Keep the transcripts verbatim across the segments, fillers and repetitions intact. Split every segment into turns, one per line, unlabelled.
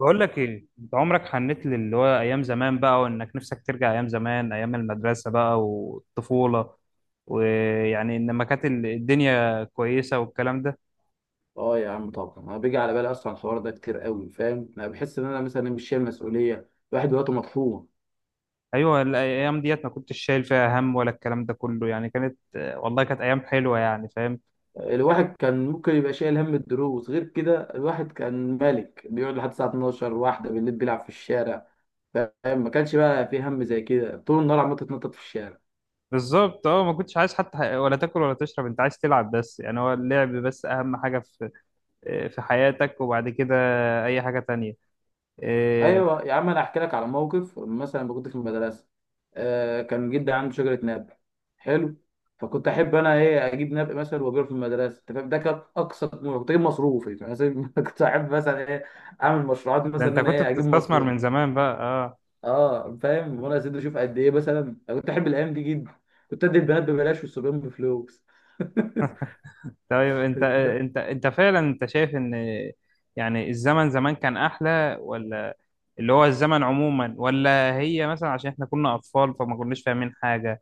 بقول لك ايه؟ انت عمرك حنيت للي هو ايام زمان بقى، وانك نفسك ترجع ايام زمان، ايام المدرسه بقى والطفوله. ويعني ان ما كانت ال- الدنيا كويسه والكلام ده.
اه يا عم، طبعا انا بيجي على بالي اصلا الحوار ده كتير قوي. فاهم، انا بحس ان انا مثلا مش شايل مسؤوليه. الواحد دلوقتي مطحون.
ايوه، الايام ديت ما كنتش شايل فيها هم ولا الكلام ده كله، يعني كانت والله كانت ايام حلوه، يعني فاهم.
الواحد كان ممكن يبقى شايل هم الدروس، غير كده الواحد كان ملك، بيقعد لحد الساعه اتناشر واحده بالليل بيلعب في الشارع. فاهم، ما كانش بقى في هم زي كده، طول النهار عمال تتنطط في الشارع.
بالظبط، اه ما كنتش عايز حتى ح- ولا تاكل ولا تشرب، انت عايز تلعب بس، يعني هو اللعب بس اهم حاجه في في حياتك، وبعد كده اي حاجه تانية. إيه،
ايوه يا عم، انا احكي لك على موقف مثلا لما كنت في المدرسه. آه كان جدي عنده شجره ناب. حلو. فكنت احب انا ايه اجيب ناب مثلا وابيعه في المدرسه. انت فاهم، ده كان اقصى طموحي، كنت اجيب مصروفي مثلا. كنت احب مثلا ايه اعمل مشروعات،
ده
مثلا
انت
ان انا
كنت
ايه اجيب
بتستثمر
مصروف.
من زمان بقى، آه.
اه فاهم، وانا يا سيدي اشوف قد ايه مثلا. أنا كنت احب الايام دي جدا. كنت ادي البنات ببلاش والصبيان بفلوس.
طيب انت انت انت فعلا انت شايف ان يعني الزمن زمان كان احلى؟ ولا اللي هو الزمن عموما، ولا هي مثلا عشان احنا كنا اطفال فما كناش فاهمين حاجة؟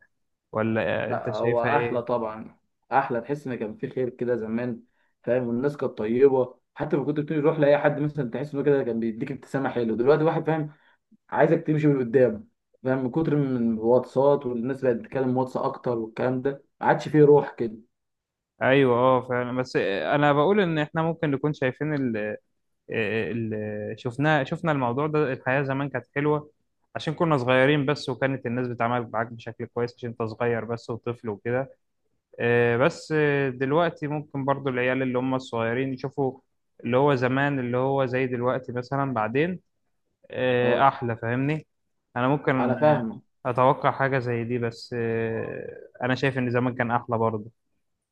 ولا انت
لا، هو
شايفها
احلى
ايه؟
طبعا. احلى، تحس ان كان في خير كده زمان. فاهم، والناس كانت طيبه، حتى لما كنت بتروح لاي حد مثلا تحس انه كده كان بيديك ابتسامه حلوه. دلوقتي واحد، فاهم، عايزك تمشي من قدام. فاهم، من كتر من الواتساب والناس بقت بتتكلم واتس اكتر، والكلام ده ما عادش فيه روح كده.
ايوه، اه فعلا. بس انا بقول ان احنا ممكن نكون شايفين ال ال شفنا شفنا الموضوع ده، الحياة زمان كانت حلوة عشان كنا صغيرين بس، وكانت الناس بتتعامل معاك بشكل كويس عشان انت صغير بس وطفل وكده. آه، بس آه، دلوقتي ممكن برضو العيال اللي هم الصغيرين يشوفوا اللي هو زمان اللي هو زي دلوقتي مثلا، بعدين آه،
اه،
أحلى، فاهمني؟ أنا ممكن
انا
آه،
فاهمك.
أتوقع حاجة زي دي، بس آه، أنا شايف إن زمان كان أحلى برضو،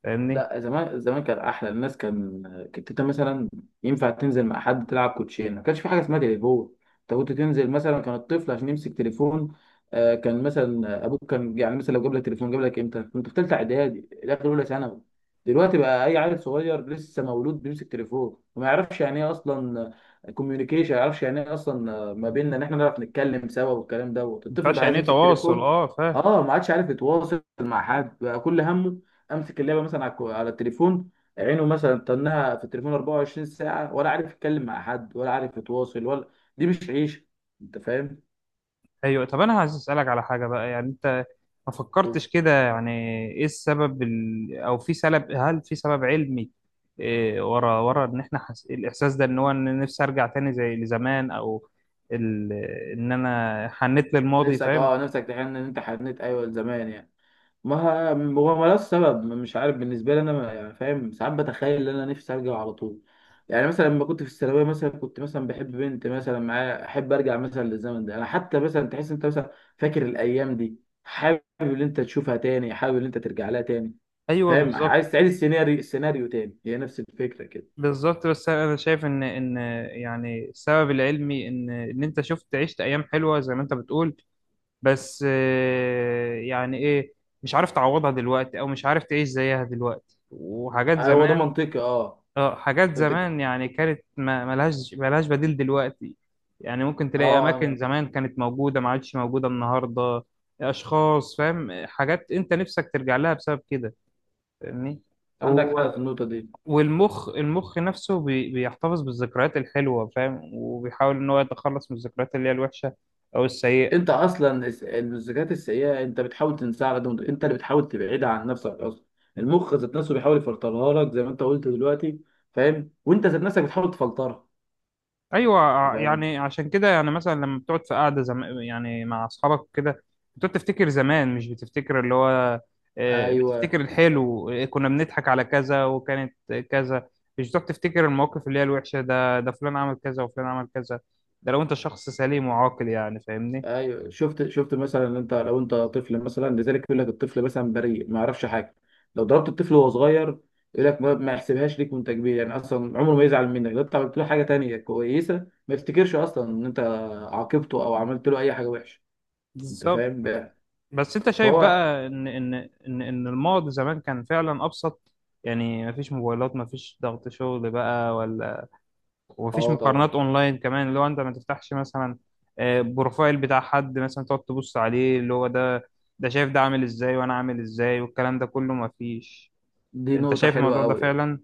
فاهمني؟
لا، زمان زمان كان احلى. الناس كان، كنت انت مثلا ينفع تنزل مع حد تلعب كوتشينه، ما كانش في حاجه اسمها تليفون. انت كنت تنزل مثلا، كان الطفل عشان يمسك تليفون. آه، كان مثلا آه، ابوك كان يعني مثلا لو جاب لك تليفون، جاب لك امتى؟ كنت في ثالثه اعدادي داخل اولى ثانوي. دلوقتي بقى اي عيل صغير لسه مولود بيمسك تليفون، وما يعرفش يعني ايه اصلا كوميونيكيشن، ما يعرفش يعني ايه اصلا. آه، ما بيننا ان احنا نعرف نتكلم سوا، والكلام دوت الطفل
مينفعش،
بقى عايز
يعني إيه
يمسك
تواصل،
تليفون.
أه فاهم.
اه، ما عادش عارف يتواصل مع حد، بقى كل همه امسك اللعبه مثلا على الكو- على التليفون. عينه مثلا تنها في التليفون اربعه وعشرين ساعه، ولا عارف يتكلم مع حد، ولا عارف يتواصل، ولا، دي مش عيشه. انت فاهم.
ايوه، طب انا عايز اسالك على حاجه بقى، يعني انت ما فكرتش
بس.
كده يعني ايه السبب، ال... او في سبب هل في سبب علمي إيه ورا ورا ان احنا حس... الاحساس ده ان هو ان نفسي ارجع تاني زي لزمان، او ال... ان انا حنيت للماضي،
نفسك
فاهم؟
اه نفسك تحن، ان انت حنيت ايوه زمان يعني. ما ه- هو ملوش سبب، مش عارف بالنسبه لي انا، ما- يعني فاهم، ساعات بتخيل ان انا نفسي ارجع على طول. يعني مثلا لما كنت في الثانويه مثلا، كنت مثلا بحب بنت مثلا معايا، احب ارجع مثلا للزمن ده. انا حتى مثلا تحس انت مثلا فاكر الايام دي، حابب ان انت تشوفها تاني، حابب ان انت ترجع لها تاني.
ايوه،
فاهم،
بالظبط.
عايز تعيد السيناريو، السيناريو تاني. هي نفس الفكره كده.
بالظبط، بس انا شايف ان ان يعني السبب العلمي ان ان انت شفت عشت ايام حلوه زي ما انت بتقول، بس آه، يعني ايه، مش عارف تعوضها دلوقتي، او مش عارف تعيش زيها دلوقتي، وحاجات
آه، هو ده
زمان.
منطقي، اه.
اه، حاجات
أنت بتك...
زمان يعني كانت، ما- ملهاش ملهاش بديل دلوقتي. يعني ممكن تلاقي
اه
اماكن
أنا-
زمان كانت موجودة ما عادش موجودة النهاردة، اشخاص، فاهم، حاجات انت نفسك ترجع لها بسبب كده، فاهمني؟
عندك
و...
حق في النقطه دي.
والمخ، المخ نفسه بي... بيحتفظ بالذكريات الحلوة، فاهم؟ وبيحاول ان هو يتخلص من الذكريات اللي هي الوحشة او السيئة.
انت اصلا الس- الذكريات السيئه انت بتحاول تنساها على قد ما تقدر. انت اللي بتحاول تبعدها عن نفسك اصلا. المخ ذات نفسه بيحاول يفلترها لك زي ما انت قلت دلوقتي. فاهم، وانت ذات نفسك بتحاول تفلترها.
ايوه،
أنت
ع-
فاهم.
يعني عشان كده يعني مثلا لما بتقعد في قعده زم... يعني مع اصحابك كده، بتقعد تفتكر زمان، مش بتفتكر اللي هو آه،
ايوه
بتفتكر الحلو، آه، كنا بنضحك على كذا وكانت كذا، مش بتقعد تفتكر المواقف اللي هي الوحشه، ده ده فلان عمل كذا وفلان عمل كذا. ده لو انت شخص سليم وعاقل، يعني فاهمني.
ايوه، شفت شفت مثلا إن انت، لو انت طفل مثلا، لذلك يقول لك الطفل مثلا بريء ما يعرفش حاجه. لو ضربت الطفل وهو صغير، يقول لك ما ما يحسبهاش ليك، وانت كبير يعني اصلا عمره ما يزعل منك. لو انت عملت له حاجه تانية كويسه، ما يفتكرش اصلا ان انت عاقبته او عملت له اي حاجه وحشه. انت
بالظبط،
فاهم بقى.
بس انت شايف
فهو
بقى ان ان ان ان الماضي زمان كان فعلا ابسط، يعني مفيش موبايلات، مفيش ضغط شغل بقى ولا، ومفيش
اه،
مقارنات
طبعا.
اونلاين كمان، اللي هو انت ما تفتحش مثلا آه، بروفايل بتاع حد مثلا، تقعد تبص عليه اللي هو ده ده شايف ده عامل ازاي وانا عامل ازاي، والكلام ده كله مفيش.
دي
انت
نقطه
شايف
حلوه
الموضوع ده
قوي.
فعلا؟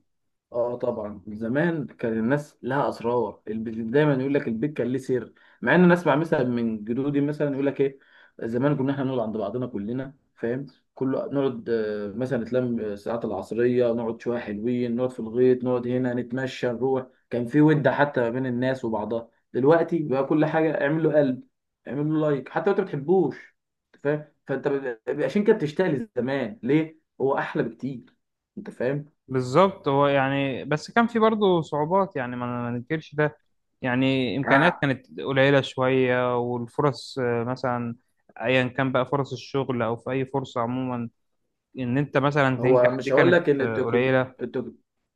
اه، طبعا زمان كان الناس لها اسرار، الب- دايما يقول لك البيت كان ليه سر. مع ان انا اسمع مثلا من جدودي مثلا يقول لك ايه، زمان كنا احنا نقعد عند بعضنا كلنا، فاهم، كله نقعد آه، مثلا نتلم آه، الساعات العصريه، نقعد شويه حلوين، نقعد في الغيط، نقعد هنا، نتمشى نروح. كان في ود حتى ما بين الناس وبعضها. دلوقتي بقى كل حاجه اعمل له قلب، اعمل له لايك حتى لو انت ما بتحبوش. أنت فاهم، فانت ب- عشان كده بتشتغل زمان ليه، هو احلى بكتير. انت فاهم.
بالظبط. هو يعني بس كان في برضه صعوبات، يعني ما ما ننكرش ده، يعني امكانيات كانت قليلة شوية، والفرص آه، مثلا ايا كان بقى، فرص الشغل او في اي فرصة عموما، ان انت مثلا
هو
تنجح دي
مش هقول
كانت
لك ان
آه،
التكن...
قليلة.
التك...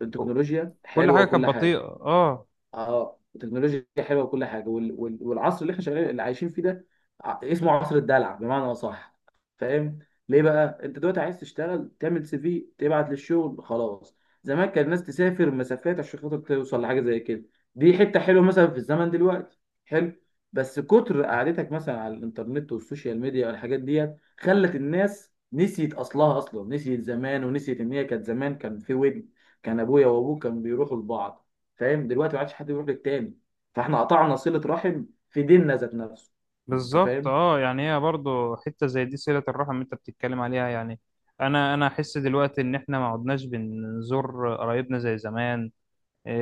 التكنولوجيا
كل
حلوه
حاجة كانت
وكل
بطيئة،
حاجه.
اه.
اه، التكنولوجيا حلوه وكل حاجه وال... وال... والعصر اللي احنا شغالين، اللي عايشين فيه ده، ع- اسمه عصر الدلع بمعنى اصح. فاهم، ليه بقى انت دلوقتي عايز تشتغل تعمل سي في تبعت للشغل خلاص؟ زمان كان الناس تسافر مسافات عشان خاطر توصل لحاجه زي كده. دي حته حلوه مثلا في الزمن دلوقتي، حلو. بس كتر قعدتك مثلا على الانترنت والسوشيال ميديا والحاجات ديت خلت الناس نسيت اصلها اصلا، نسيت زمان، ونسيت ان هي كانت زمان كان في ود. كان ابويا وابوك كانوا بيروحوا لبعض. فاهم، دلوقتي ما عادش حد بيروح للتاني. فاحنا قطعنا صلة رحم في ديننا ذات نفسه. انت
بالظبط،
فاهم.
اه يعني هي برضو حتة زي دي، صلة الرحم اللي انت بتتكلم عليها، يعني انا انا احس دلوقتي ان احنا ما عدناش بنزور قرايبنا زي زمان.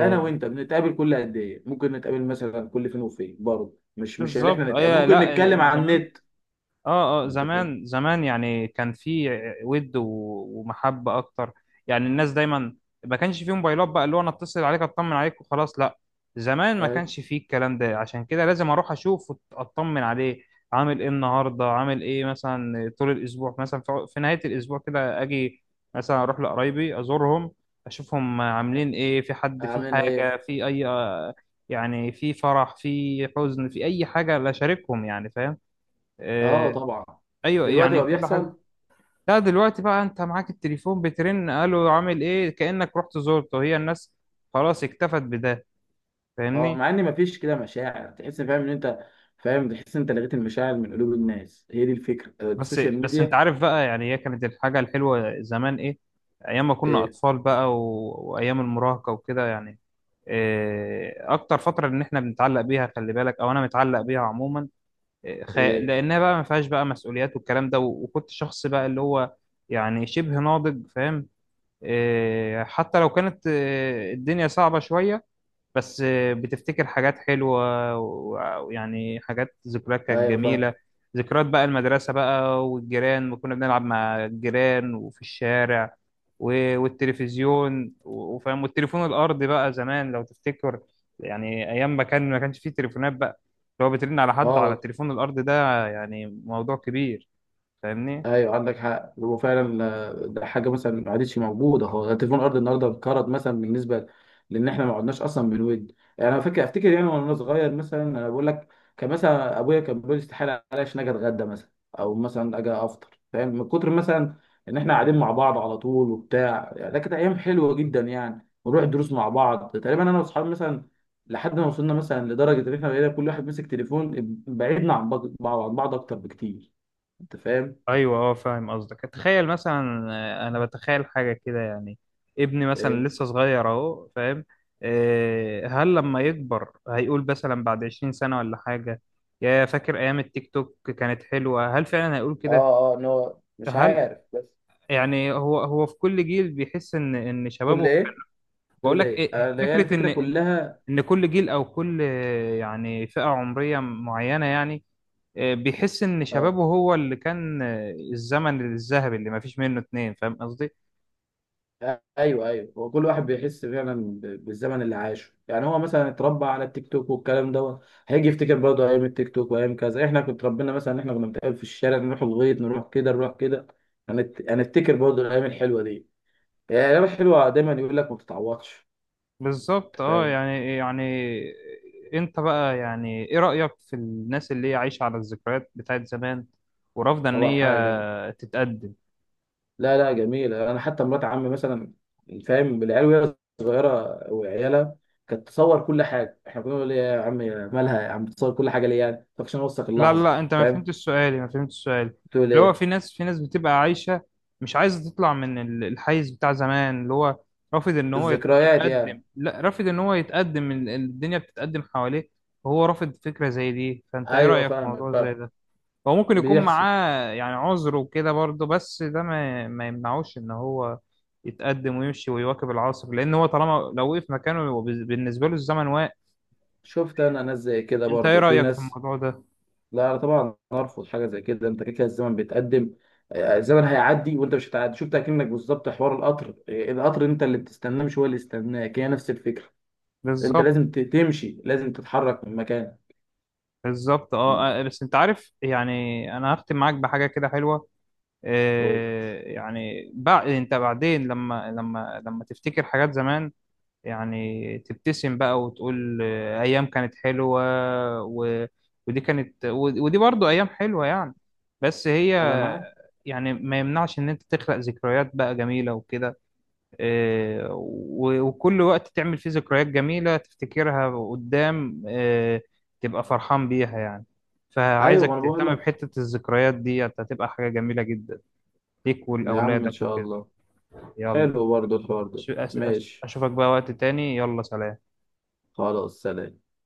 انا وانت بنتقابل كل قد ايه؟ ممكن نتقابل مثلا كل فين وفين، برضه مش مش اللي
بالظبط.
احنا نتقابل،
اي،
ممكن
لا. إيه،
نتكلم عن
زمان،
النت.
اه اه،
انت فاهم،
زمان زمان يعني كان في ود و- ومحبة اكتر، يعني الناس دايما، ما كانش في موبايلات بقى، اللي هو انا اتصل عليك اطمن عليك وخلاص، لا. زمان ما
اي،
كانش فيه الكلام ده، عشان كده لازم اروح اشوف واطمن عليه، عامل ايه النهارده، عامل ايه مثلا طول الاسبوع، مثلا في في نهاية الاسبوع كده اجي مثلا اروح لقرايبي ازورهم، اشوفهم عاملين ايه، في حد، في
اعمل ايه.
حاجة، في اي، يعني في فرح، في حزن، في اي حاجة، لا اشاركهم، يعني فاهم.
اه،
آه،
طبعا
ايوه،
دلوقتي
يعني
بقى
كل حاجه.
بيحصل.
لا، دلوقتي بقى انت معاك التليفون، بترن الو عامل ايه، كانك رحت زرته، هي الناس خلاص اكتفت بده،
اه،
فاهمني؟
مع ان مفيش كده مشاعر تحس. فاهم ان انت، فاهم، تحس ان انت لغيت المشاعر من قلوب الناس. هي دي الفكره، آه،
بس
السوشيال
بس انت
ميديا.
عارف بقى يعني هي كانت الحاجه الحلوه زمان ايه؟ ايام ما كنا
ايه،
اطفال بقى، و... وايام المراهقه وكده، يعني إيه اكتر فتره ان احنا بنتعلق بيها، خلي بالك، او انا متعلق بيها عموما، إيه، خ...
ايه، ايه،
لانها بقى ما فيهاش بقى مسؤوليات والكلام ده، و... وكنت شخص بقى اللي هو يعني شبه ناضج، فاهم؟ إيه، حتى لو كانت إيه، الدنيا صعبة شوية، بس إيه، بتفتكر حاجات حلوة و- ويعني حاجات، ذكريات كانت
ايوه فاهم.
جميلة، ذكريات بقى المدرسة بقى، والجيران، كنا بنلعب مع الجيران وفي الشارع و- والتلفزيون و- وفاهم، والتليفون الأرضي بقى زمان لو تفتكر، يعني أيام ما كان ما كانش فيه تليفونات بقى، لو بترن على حد على
اه،
التليفون الأرضي ده، يعني موضوع كبير، فاهمني؟
ايوه عندك حق، هو فعلا آه، ده حاجه مثلا ما عادتش موجوده، هو تليفون الارض النهارده انقرض مثلا بالنسبه، لان احنا ما قعدناش اصلا بنود. يعني انا فاكر افتكر يعني وانا صغير مثلا، انا بقول لك، كان مثلا ابويا كان بيقول استحاله عليش ان اجي اتغدى مثلا، او مثلا اجي افطر، فاهم، من كتر مثلا ان احنا قاعدين مع بعض على طول وبتاع يعني. ده كانت ايام حلوه جدا يعني، ونروح الدروس مع بعض تقريبا انا واصحابي مثلا. لحد ما وصلنا مثلا لدرجه ان احنا بقينا كل واحد ماسك تليفون، بعيدنا عن بعض، عن بعض اكتر بكتير. انت فاهم.
ايوه، اه فاهم قصدك. تخيل مثلا، آه، انا بتخيل حاجه كده يعني، ابني
آه،
مثلا لسه صغير اهو، فاهم، آه، هل لما يكبر هيقول مثلا بعد عشرين سنه ولا حاجه، يا فاكر ايام التيك توك كانت حلوه؟ هل فعلا هيقول كده؟
اه اه، ان هو مش
هل
عارف، بس.
يعني هو هو في كل جيل بيحس ان ان
كل
شبابه،
ايه
بقول
تقول
لك
ايه
إيه،
انا، هي
فكره
الفكره
ان
كلها.
ان كل جيل، او كل آه، يعني فئه عمريه معينه يعني، آه، بيحس ان
اه،
شبابه هو اللي كان آه، الزمن الذهبي اللي ما فيش منه اتنين، فاهم قصدي؟
ايوه ايوه، هو كل واحد بيحس فعلا ب- بالزمن اللي عاشه. يعني هو مثلا اتربى على التيك توك والكلام دوت، هيجي يفتكر برضه ايام التيك توك وايام كذا. احنا كنا اتربينا مثلا ان احنا كنا بنتقابل في الشارع، نروح الغيط، نروح كده نروح كده. هنت- هنفتكر برضه الايام الحلوه دي، يعني الايام الحلوه دايما يقول لك ما بتتعوضش.
بالظبط،
أنت
اه
فاهم.
يعني يعني انت بقى يعني ايه رأيك في الناس اللي هي عايشة على الذكريات بتاعت زمان، ورافضة ان
طبعا
هي
حاجه.
تتقدم؟
لا، لا، جميلة. أنا حتى مرات عمي مثلا، فاهم، العيال وهي صغيرة وعيالها، كانت تصور كل حاجة. إحنا كنا بنقول إيه يا عم، مالها يا عم بتصور كل حاجة ليه؟ يعني طب عشان أوثق
لا لا
اللحظة.
لا، انت ما
فاهم،
فهمتش سؤالي، ما فهمتش سؤالي،
بتقول
اللي هو
إيه،
في ناس، في ناس بتبقى عايشة مش عايزة تطلع من ال- الحيز بتاع زمان، اللي هو رافض ان هو يت-
الذكريات
يتقدم،
يعني.
لا، رافض ان هو يتقدم، ال- الدنيا بتتقدم حواليه وهو رافض فكرة زي دي، فانت ايه
أيوه
رأيك في
فاهمك
موضوع زي
فاهم،
ده؟ هو ممكن يكون
بيحصل.
معاه يعني عذر وكده برضه، بس ده ما ما يمنعوش ان هو يتقدم ويمشي ويواكب العصر، لان هو طالما لو وقف مكانه هو بز- بالنسبة له الزمن واقف.
شفت، أنا ناس زي كده
انت ايه
برضو في
رأيك في
ناس.
الموضوع ده؟
لا، أنا طبعا أرفض حاجة زي كده. أنت كده كده الزمن بيتقدم، آه، الزمن هيعدي وأنت مش هتعدي. شفت، أكنك بالظبط حوار القطر، آه، القطر أنت اللي بتستناه مش هو اللي يستناك، هي نفس الفكرة. انت
بالظبط،
لازم ت- تمشي، لازم تتحرك من مكانك.
بالظبط،
مم.
اه آه، بس انت عارف يعني، انا هختم معاك بحاجه كده حلوه،
أوه.
آه، يعني بعد انت بعدين لما لما لما تفتكر حاجات زمان، يعني تبتسم بقى وتقول آه، ايام كانت حلوه، و... ودي كانت و- ودي برضو ايام حلوه، يعني بس هي
انا معاك.
يعني ما يمنعش ان انت تخلق ذكريات بقى جميله وكده، آه، و- وكل وقت تعمل فيه ذكريات جميلة تفتكرها قدام، آه، تبقى فرحان بيها، يعني
ايوه، ما
فعايزك
انا بقول
تهتم
لك
بحتة الذكريات دي، هتبقى حاجة جميلة جدا ليك
يا عم، ان
ولأولادك
شاء
وكده.
الله.
يلا،
حلو برضه الحوار ده.
أش- أش- أش-
ماشي.
أشوفك بقى وقت تاني، يلا سلام.
خلاص، سلام.